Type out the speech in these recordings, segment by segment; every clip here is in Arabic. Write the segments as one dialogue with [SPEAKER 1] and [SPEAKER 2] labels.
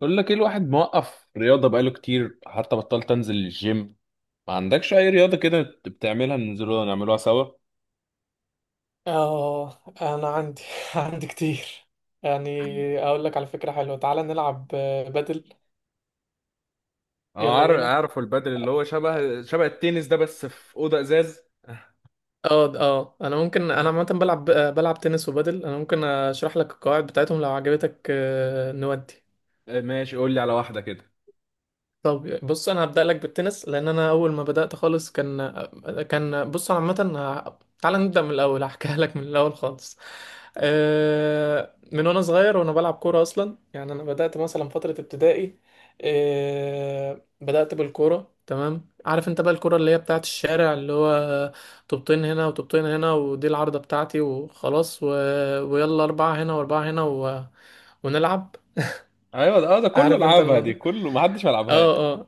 [SPEAKER 1] بقول لك ايه، الواحد موقف رياضة بقاله كتير حتى بطلت انزل الجيم. ما عندكش اي رياضة كده بتعملها ننزلوها نعملوها سوا؟
[SPEAKER 2] اه انا عندي عندي كتير. يعني اقول لك على فكرة حلوة، تعالى نلعب بدل.
[SPEAKER 1] اه،
[SPEAKER 2] يلا
[SPEAKER 1] عارف
[SPEAKER 2] بينا.
[SPEAKER 1] عارف البدل اللي هو شبه التنس ده، بس في أوضة ازاز.
[SPEAKER 2] اه انا ممكن، انا عامه بلعب بلعب تنس وبادل. انا ممكن اشرح لك القواعد بتاعتهم لو عجبتك نودي.
[SPEAKER 1] ماشي، قول لي على واحدة كده.
[SPEAKER 2] طب بص، انا هبدأ لك بالتنس لان انا اول ما بدأت خالص كان بص، انا عامة تعال نبدأ من الاول. هحكيها لك من الاول خالص. من وانا صغير وانا بلعب كورة اصلا، يعني انا بدأت مثلا فترة ابتدائي. بدأت بالكورة. تمام، عارف انت بقى الكورة اللي هي بتاعت الشارع، اللي هو طوبتين هنا وطوبتين هنا، ودي العارضة بتاعتي وخلاص ويلا اربعة هنا واربعة هنا ونلعب.
[SPEAKER 1] ايوه ده، ده كله
[SPEAKER 2] عارف انت
[SPEAKER 1] لعبها، دي
[SPEAKER 2] الموضوع.
[SPEAKER 1] كله ما حدش ما لعبهاش.
[SPEAKER 2] اه. اه.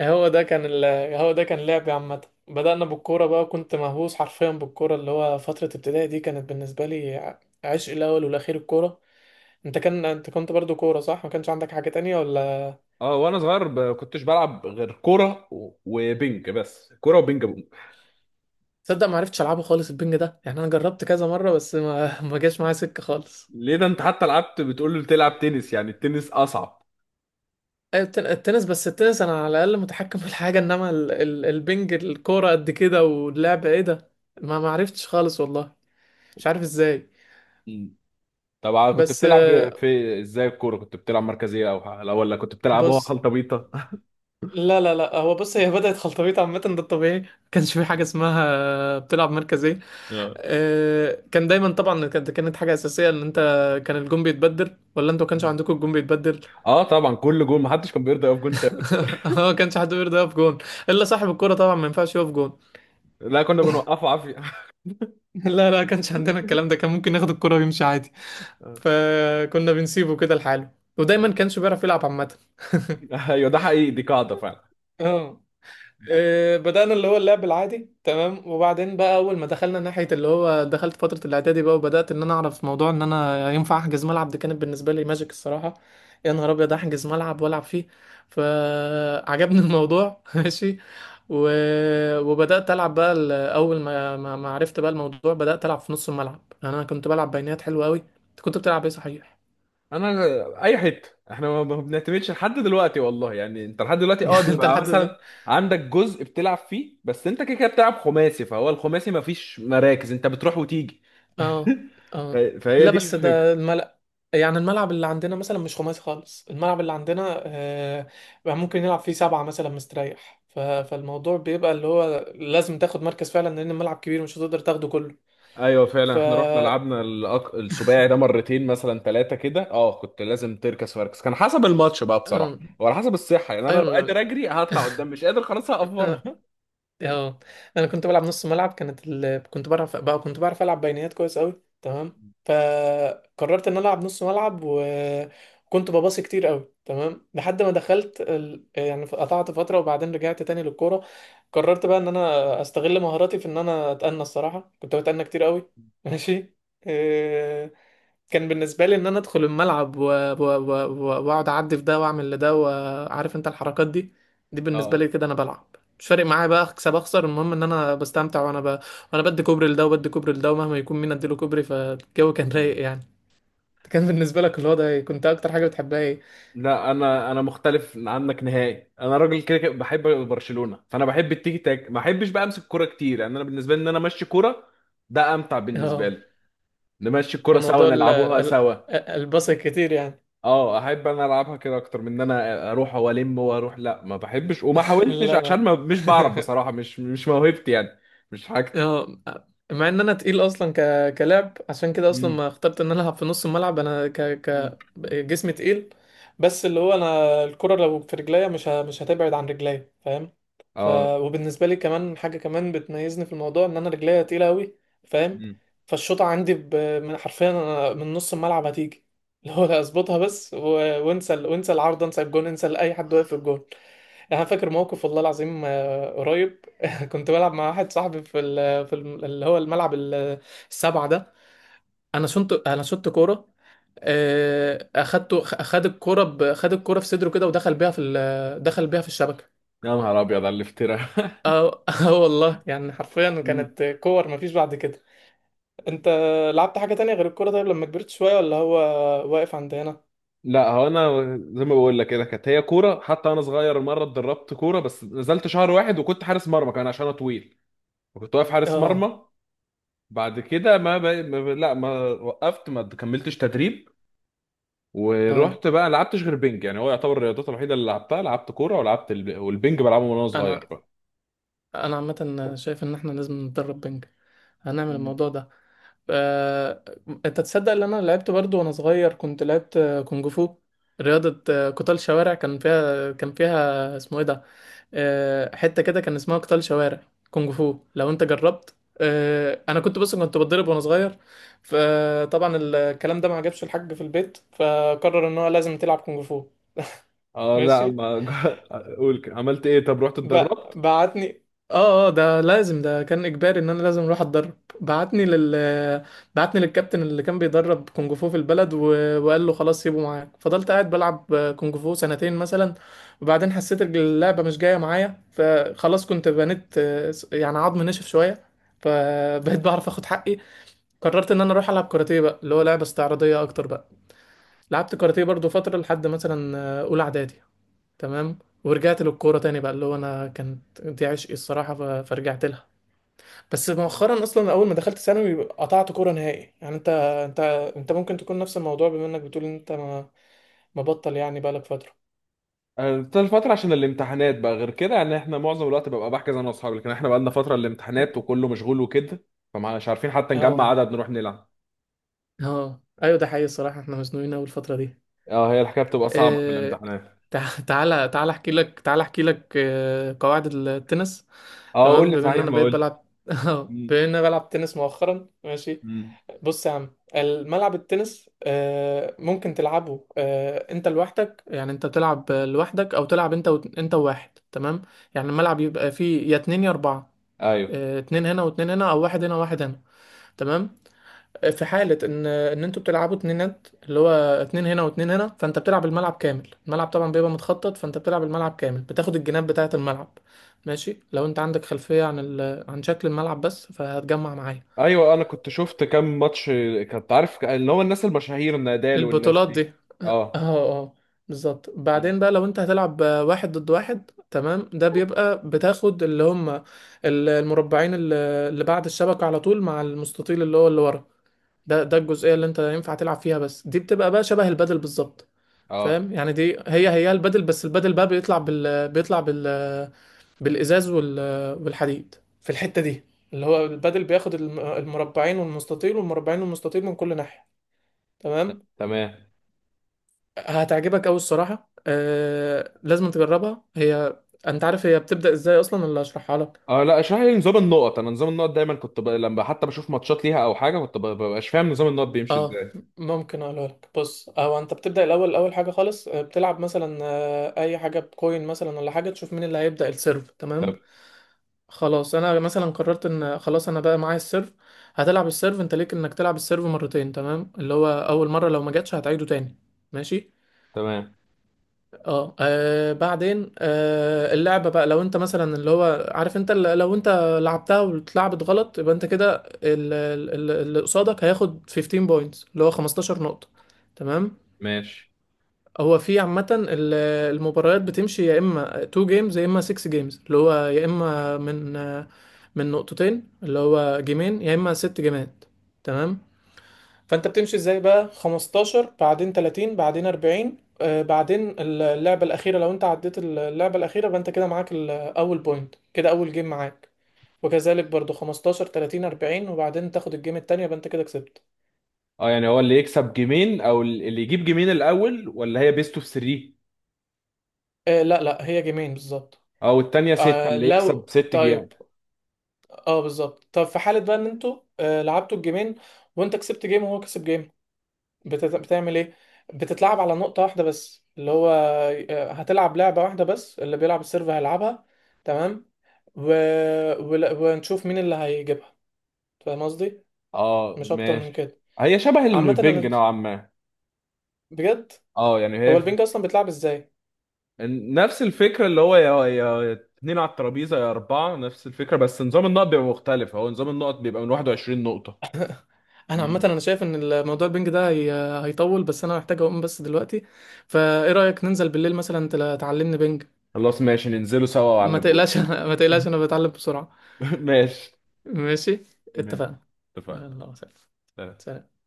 [SPEAKER 2] هو ده كان ال... هو ده كان لعبي عامة. بدأنا بالكورة بقى، كنت مهووس حرفيا بالكورة، اللي هو فترة ابتدائي دي كانت بالنسبة لي عشق الأول والأخير الكورة. انت كنت برضو كورة صح؟ ما كانش عندك حاجة تانية ولا؟
[SPEAKER 1] اه، وانا صغير كنتش بلعب غير كورة وبنج، بس كورة وبنج بونج.
[SPEAKER 2] تصدق ما عرفتش ألعبه خالص، البنج ده. يعني أنا جربت كذا مرة بس ما ما جاش معايا سكة خالص.
[SPEAKER 1] ليه؟ ده انت حتى لعبت، بتقول لي تلعب تنس؟ يعني التنس اصعب.
[SPEAKER 2] أيوة، التنس، بس التنس أنا على الأقل متحكم في الحاجة، إنما البنج الكورة قد كده واللعب إيه ده؟ ما عرفتش خالص والله. مش عارف إزاي.
[SPEAKER 1] طب كنت
[SPEAKER 2] بس
[SPEAKER 1] بتلعب في ازاي الكوره؟ كنت بتلعب مركزيه او لا، ولا كنت بتلعب هو
[SPEAKER 2] بص،
[SPEAKER 1] خلطه بيطه؟
[SPEAKER 2] لا هو بص، هي بدأت خلطبيط عامة، ده الطبيعي. ما كانش في حاجة اسمها بتلعب مركز ايه.
[SPEAKER 1] اه.
[SPEAKER 2] كان دايما طبعا، كانت حاجة أساسية ان انت كان الجون بيتبدل. ولا انتوا كانش عندكم الجون بيتبدل؟
[SPEAKER 1] آه، طبعا كل جول محدش كان بيرضى يقف جول ثابت.
[SPEAKER 2] هو كانش حد بيرضى يقف جون، الا صاحب الكرة طبعا ما ينفعش يقف جون.
[SPEAKER 1] لا، كنا بنوقفه عافيه.
[SPEAKER 2] لا كانش عندنا الكلام ده، كان ممكن ياخد الكرة ويمشي عادي.
[SPEAKER 1] آه.
[SPEAKER 2] فكنا بنسيبه كده لحاله، ودايما كانش بيعرف يلعب عامة.
[SPEAKER 1] ايوه، ده حقيقي، دي قاعده فعلا.
[SPEAKER 2] اه. بدأنا اللي هو اللعب العادي تمام، وبعدين بقى أول ما دخلنا ناحية اللي هو دخلت فترة الإعدادي بقى، وبدأت إن أنا أعرف موضوع إن أنا ينفع أحجز ملعب. دي كانت بالنسبة لي ماجيك الصراحة. يا نهار أبيض، أحجز ملعب وألعب فيه. فعجبني الموضوع. ماشي، و... وبدأت ألعب بقى، أول ما ما عرفت بقى الموضوع بدأت ألعب في نص الملعب. يعني أنا كنت بلعب بينات حلوة أوي. أنت كنت بتلعب إيه صحيح؟
[SPEAKER 1] انا اي حته، احنا ما بنعتمدش لحد دلوقتي والله. يعني انت لحد دلوقتي، اه،
[SPEAKER 2] يعني أنت
[SPEAKER 1] بيبقى
[SPEAKER 2] لحد دلوقتي.
[SPEAKER 1] مثلا عندك جزء بتلعب فيه، بس انت كده كده بتلعب خماسي، فهو الخماسي ما فيش مراكز، انت بتروح وتيجي.
[SPEAKER 2] اه. اه.
[SPEAKER 1] فهي
[SPEAKER 2] لا
[SPEAKER 1] دي
[SPEAKER 2] بس
[SPEAKER 1] الفكره.
[SPEAKER 2] ده الملأ، يعني الملعب اللي عندنا مثلا مش خماسي خالص. الملعب اللي عندنا آه، بقى ممكن يلعب فيه سبعة مثلا مستريح. فالموضوع بيبقى اللي هو لازم تاخد مركز فعلا، لأن الملعب كبير مش هتقدر تاخده كله.
[SPEAKER 1] ايوه، فعلا
[SPEAKER 2] ف
[SPEAKER 1] احنا رحنا لعبنا السباعي ده مرتين، مثلا ثلاثه كده. اه، كنت لازم تركز مركز، كان حسب الماتش بقى بصراحه،
[SPEAKER 2] آه،
[SPEAKER 1] وعلى حسب الصحه. يعني انا لو
[SPEAKER 2] ايوه.
[SPEAKER 1] قادر اجري هطلع قدام، مش قادر خلاص هقف بره.
[SPEAKER 2] لا. اه. انا كنت بلعب نص ملعب، كنت بعرف بقى، كنت بعرف العب بينيات كويس قوي تمام. فقررت ان أنا العب نص ملعب، وكنت بباصي كتير قوي تمام، لحد ما يعني قطعت فتره، وبعدين رجعت تاني للكوره. قررت بقى ان انا استغل مهاراتي في ان انا اتأنى الصراحه، كنت بتأنى كتير قوي. ماشي، آه، كان بالنسبه لي ان انا ادخل الملعب واقعد اعدي في ده واعمل لده، وعارف انت الحركات دي. دي بالنسبه
[SPEAKER 1] اه.
[SPEAKER 2] لي كده انا بلعب. مش فارق معايا بقى اكسب اخسر، المهم ان انا بستمتع وانا وانا بدي كوبري لده وبدي كوبري لده، ومهما يكون مين اديله كوبري فالجو كان رايق يعني. كان بالنسبه لك الوضع ايه؟ كنت اكتر حاجه بتحبها ايه؟
[SPEAKER 1] لا، انا مختلف عنك نهائي. انا راجل كده كده بحب برشلونه، فانا بحب التيكي تاك، ما بحبش بقى امسك كوره كتير. يعني انا بالنسبه لي ان انا امشي كوره، ده امتع بالنسبه
[SPEAKER 2] اه،
[SPEAKER 1] لي. نمشي الكوره سوا،
[SPEAKER 2] موضوع
[SPEAKER 1] نلعبوها سوا.
[SPEAKER 2] الباص الكتير يعني.
[SPEAKER 1] اه، احب انا العبها كده اكتر من ان انا اروح والم واروح. لا، ما بحبش وما حاولتش،
[SPEAKER 2] لا
[SPEAKER 1] عشان
[SPEAKER 2] لا.
[SPEAKER 1] ما مش بعرف بصراحه، مش موهبتي يعني، مش حاجتي.
[SPEAKER 2] اه، مع ان انا تقيل اصلا كلاعب، عشان كده اصلا
[SPEAKER 1] مم.
[SPEAKER 2] ما اخترت ان انا العب في نص الملعب. انا
[SPEAKER 1] مم.
[SPEAKER 2] ك... جسمي تقيل، بس اللي هو انا الكرة لو في رجليا مش هتبعد عن رجليا، فاهم؟ ف...
[SPEAKER 1] اه.
[SPEAKER 2] وبالنسبة لي كمان حاجة كمان بتميزني في الموضوع، ان انا رجليا تقيلة قوي، فاهم.
[SPEAKER 1] مم.
[SPEAKER 2] فالشوطة عندي من حرفيا أنا من نص الملعب هتيجي، اللي هو اظبطها بس وانسى العارضة، انسى الجون، انسى اي حد واقف في الجون. انا فاكر موقف والله العظيم قريب. كنت بلعب مع واحد صاحبي في ال في ال اللي هو الملعب السبعة ده. انا شنت كورة. اخد الكورة خد الكورة في صدره كده، ودخل بيها في دخل بيها في الشبكة.
[SPEAKER 1] يا نهار ابيض على الافتراء!
[SPEAKER 2] اه. والله يعني حرفيا
[SPEAKER 1] مم.
[SPEAKER 2] كانت كور مفيش بعد كده. انت لعبت حاجة تانية غير الكورة طيب لما كبرت شوية؟ ولا هو واقف عند هنا؟
[SPEAKER 1] لا، هو انا زي ما بقول لك كده، كانت هي كوره. حتى انا صغير مره اتدربت كوره، بس نزلت شهر واحد، وكنت حارس مرمى كمان عشان انا طويل، وكنت واقف حارس
[SPEAKER 2] اه
[SPEAKER 1] مرمى. بعد كده ما, ب... ما ب... لا، ما وقفت، ما كملتش تدريب.
[SPEAKER 2] اه.
[SPEAKER 1] ورحت بقى لعبتش غير بينج. يعني هو يعتبر الرياضات الوحيده اللي لعبتها: لعبت كوره، ولعبت والبينج بلعبه من وانا صغير
[SPEAKER 2] انا
[SPEAKER 1] بقى.
[SPEAKER 2] انا عامة شايف ان احنا لازم نتدرب بنج، هنعمل
[SPEAKER 1] مم.
[SPEAKER 2] الموضوع ده. آه، انت تصدق ان انا لعبت برضو وانا صغير، كنت لعبت كونج فو. رياضة قتال شوارع. كان فيها اسمه ايه ده حتة كده، كان اسمها قتال شوارع كونج فو، لو انت جربت. انا كنت بص، كنت بتضرب وانا صغير، فطبعا الكلام ده ما عجبش الحاج في البيت، فقرر ان هو لازم تلعب كونج فو.
[SPEAKER 1] اه، لا
[SPEAKER 2] ماشي،
[SPEAKER 1] ما اقول كده. عملت ايه؟ طب رحت
[SPEAKER 2] ب...
[SPEAKER 1] اتدربت.
[SPEAKER 2] بعتني. اه اه، ده لازم، ده كان اجباري ان انا لازم اروح اتدرب. بعتني لل بعتني للكابتن اللي كان بيدرب كونج فو في البلد، وقال له خلاص سيبه معاك، فضلت قاعد بلعب كونج فو سنتين مثلا. وبعدين حسيت إن اللعبة مش جاية معايا، فخلاص كنت بنيت يعني عظم نشف شوية، فبقيت بعرف اخد حقي. قررت ان انا اروح العب كاراتيه بقى، اللي هو لعبة استعراضية اكتر بقى. لعبت كاراتيه برضو فترة لحد مثلا اولى اعدادي. تمام، ورجعت للكوره تاني بقى، اللي هو انا كانت دي عشقي الصراحه، فرجعت لها. بس مؤخرا اصلا اول ما دخلت ثانوي قطعت كوره نهائي. يعني انت، انت انت ممكن تكون نفس الموضوع، بما انك بتقول ان انت ما، مبطل يعني بقالك فتره.
[SPEAKER 1] طول فترة عشان الامتحانات بقى، غير كده يعني احنا معظم الوقت ببقى بحجز انا واصحابي، لكن احنا بقى لنا فترة الامتحانات وكله مشغول وكده، فمش عارفين حتى نجمع
[SPEAKER 2] اه
[SPEAKER 1] عدد نروح نلعب.
[SPEAKER 2] اه، ايوه ده حقيقي الصراحه، احنا مزنوقين اول الفتره دي.
[SPEAKER 1] اه، هي الحكاية بتبقى صعبة في
[SPEAKER 2] آه،
[SPEAKER 1] الامتحانات.
[SPEAKER 2] تعالى، تعالى احكي لك قواعد التنس.
[SPEAKER 1] اه، قول
[SPEAKER 2] تمام،
[SPEAKER 1] لي
[SPEAKER 2] بما ان
[SPEAKER 1] صحيح
[SPEAKER 2] انا
[SPEAKER 1] ما
[SPEAKER 2] بقيت
[SPEAKER 1] قلت.
[SPEAKER 2] بلعب. اه،
[SPEAKER 1] مم.
[SPEAKER 2] بما ان انا بلعب تنس مؤخرا، ماشي.
[SPEAKER 1] مم.
[SPEAKER 2] بص يا عم، الملعب التنس ممكن تلعبه انت لوحدك، يعني انت تلعب لوحدك، او تلعب انت انت وواحد. تمام، يعني الملعب يبقى فيه يا اتنين يا اربعة.
[SPEAKER 1] ايوه،
[SPEAKER 2] اتنين هنا واتنين هنا، او واحد هنا وواحد هنا. تمام، في حالة ان انتوا بتلعبوا اتنينات، اللي هو اتنين هنا واتنين هنا، فانت بتلعب الملعب كامل. الملعب طبعا بيبقى متخطط، فانت بتلعب الملعب كامل بتاخد الجناب بتاعة الملعب. ماشي، لو انت عندك خلفية عن عن شكل الملعب بس، فهتجمع معايا.
[SPEAKER 1] ايوه، انا كنت شفت كام ماتش. كنت عارف اللي هو الناس المشاهير نادال والناس
[SPEAKER 2] البطولات دي.
[SPEAKER 1] دي.
[SPEAKER 2] اه
[SPEAKER 1] اه.
[SPEAKER 2] اه أه. بالظبط،
[SPEAKER 1] م.
[SPEAKER 2] بعدين بقى لو انت هتلعب واحد ضد واحد تمام، ده بيبقى بتاخد اللي هم المربعين اللي اللي بعد الشبكة، على طول مع المستطيل اللي هو اللي ورا. ده ده الجزئيه اللي انت ينفع تلعب فيها، بس دي بتبقى بقى شبه البادل بالظبط.
[SPEAKER 1] اه.
[SPEAKER 2] فاهم، يعني دي هي البادل. بس البادل بقى بيطلع بال بالازاز والحديد في الحته دي. اللي هو البادل بياخد المربعين والمستطيل، والمربعين والمستطيل من كل ناحيه. تمام،
[SPEAKER 1] تمام.
[SPEAKER 2] هتعجبك قوي الصراحه. آه... لازم تجربها هي. انت عارف هي بتبدا ازاي اصلا، اللي هشرحها لك؟
[SPEAKER 1] اه، لا، اشرح لي نظام النقط. انا نظام النقط دايما لما حتى بشوف ماتشات ليها او حاجه، ببقاش فاهم نظام النقط بيمشي
[SPEAKER 2] اه،
[SPEAKER 1] ازاي.
[SPEAKER 2] ممكن اقولها لك. بص، او انت بتبدا الاول، اول حاجه خالص بتلعب مثلا اي حاجه بكوين مثلا، ولا حاجه، تشوف مين اللي هيبدا السيرف. تمام،
[SPEAKER 1] طب.
[SPEAKER 2] خلاص انا مثلا قررت ان خلاص انا بقى معايا السيرف. هتلعب السيرف، انت ليك انك تلعب السيرف مرتين، تمام؟ اللي هو اول مره لو ما جاتش هتعيده تاني، ماشي.
[SPEAKER 1] تمام.
[SPEAKER 2] اه، بعدين آه، اللعبة بقى لو انت مثلا اللي هو عارف انت لو انت لعبتها واتلعبت غلط، يبقى انت كده اللي قصادك هياخد 15 بوينتس، اللي هو 15 نقطة. تمام،
[SPEAKER 1] ماشي.
[SPEAKER 2] هو في عامة المباريات بتمشي يا اما 2 جيمز يا اما 6 جيمز، اللي هو يا اما من من نقطتين اللي هو جيمين، يا اما ست جيمات. تمام، فانت بتمشي ازاي بقى، 15 بعدين 30 بعدين 40، آه بعدين اللعبة الأخيرة. لو انت عديت اللعبة الأخيرة، يبقى انت كده معاك الأول بوينت، كده أول جيم معاك. وكذلك برضو 15 30 40، وبعدين تاخد الجيم التانية، يبقى انت كده كسبت.
[SPEAKER 1] اه، يعني هو اللي يكسب جيمين؟ او اللي يجيب جيمين الاول، ولا هي بيست اوف 3
[SPEAKER 2] آه، لا هي جيمين بالظبط.
[SPEAKER 1] او التانية ستة
[SPEAKER 2] آه،
[SPEAKER 1] اللي يكسب
[SPEAKER 2] لو
[SPEAKER 1] ست جيام؟
[SPEAKER 2] طيب، اه بالظبط. طب في حالة بقى ان انتوا آه لعبتوا الجيمين، وانت كسبت جيم وهو كسب جيم، بتعمل ايه؟ بتتلعب على نقطة واحدة بس، اللي هو هتلعب لعبة واحدة بس، اللي بيلعب السيرف هيلعبها. تمام، و... ونشوف مين اللي هيجيبها. فاهم قصدي؟
[SPEAKER 1] اه،
[SPEAKER 2] مش اكتر من
[SPEAKER 1] ماشي،
[SPEAKER 2] كده.
[SPEAKER 1] هي شبه
[SPEAKER 2] عامة
[SPEAKER 1] البنج
[SPEAKER 2] انا
[SPEAKER 1] نوعا ما.
[SPEAKER 2] بجد،
[SPEAKER 1] اه، يعني
[SPEAKER 2] هو
[SPEAKER 1] هي
[SPEAKER 2] البنج اصلا بيتلعب ازاي؟
[SPEAKER 1] نفس الفكرة اللي هو يا اتنين على الترابيزة يا أربعة، نفس الفكرة. بس نظام النقط بيبقى مختلف، هو نظام النقط بيبقى من 21 نقطة.
[SPEAKER 2] انا عامة
[SPEAKER 1] مم.
[SPEAKER 2] انا شايف ان الموضوع البنج ده هيطول، بس انا محتاج اقوم بس دلوقتي. فايه رأيك ننزل بالليل مثلا، تعلمني بنج.
[SPEAKER 1] خلاص، ماشي، ننزلوا سوا
[SPEAKER 2] ما
[SPEAKER 1] وأعلمهولك.
[SPEAKER 2] تقلقش، ما تقلقش انا بتعلم بسرعة.
[SPEAKER 1] ماشي.
[SPEAKER 2] ماشي،
[SPEAKER 1] ماشي.
[SPEAKER 2] اتفقنا.
[SPEAKER 1] اتفقنا.
[SPEAKER 2] يلا سلام. سلام.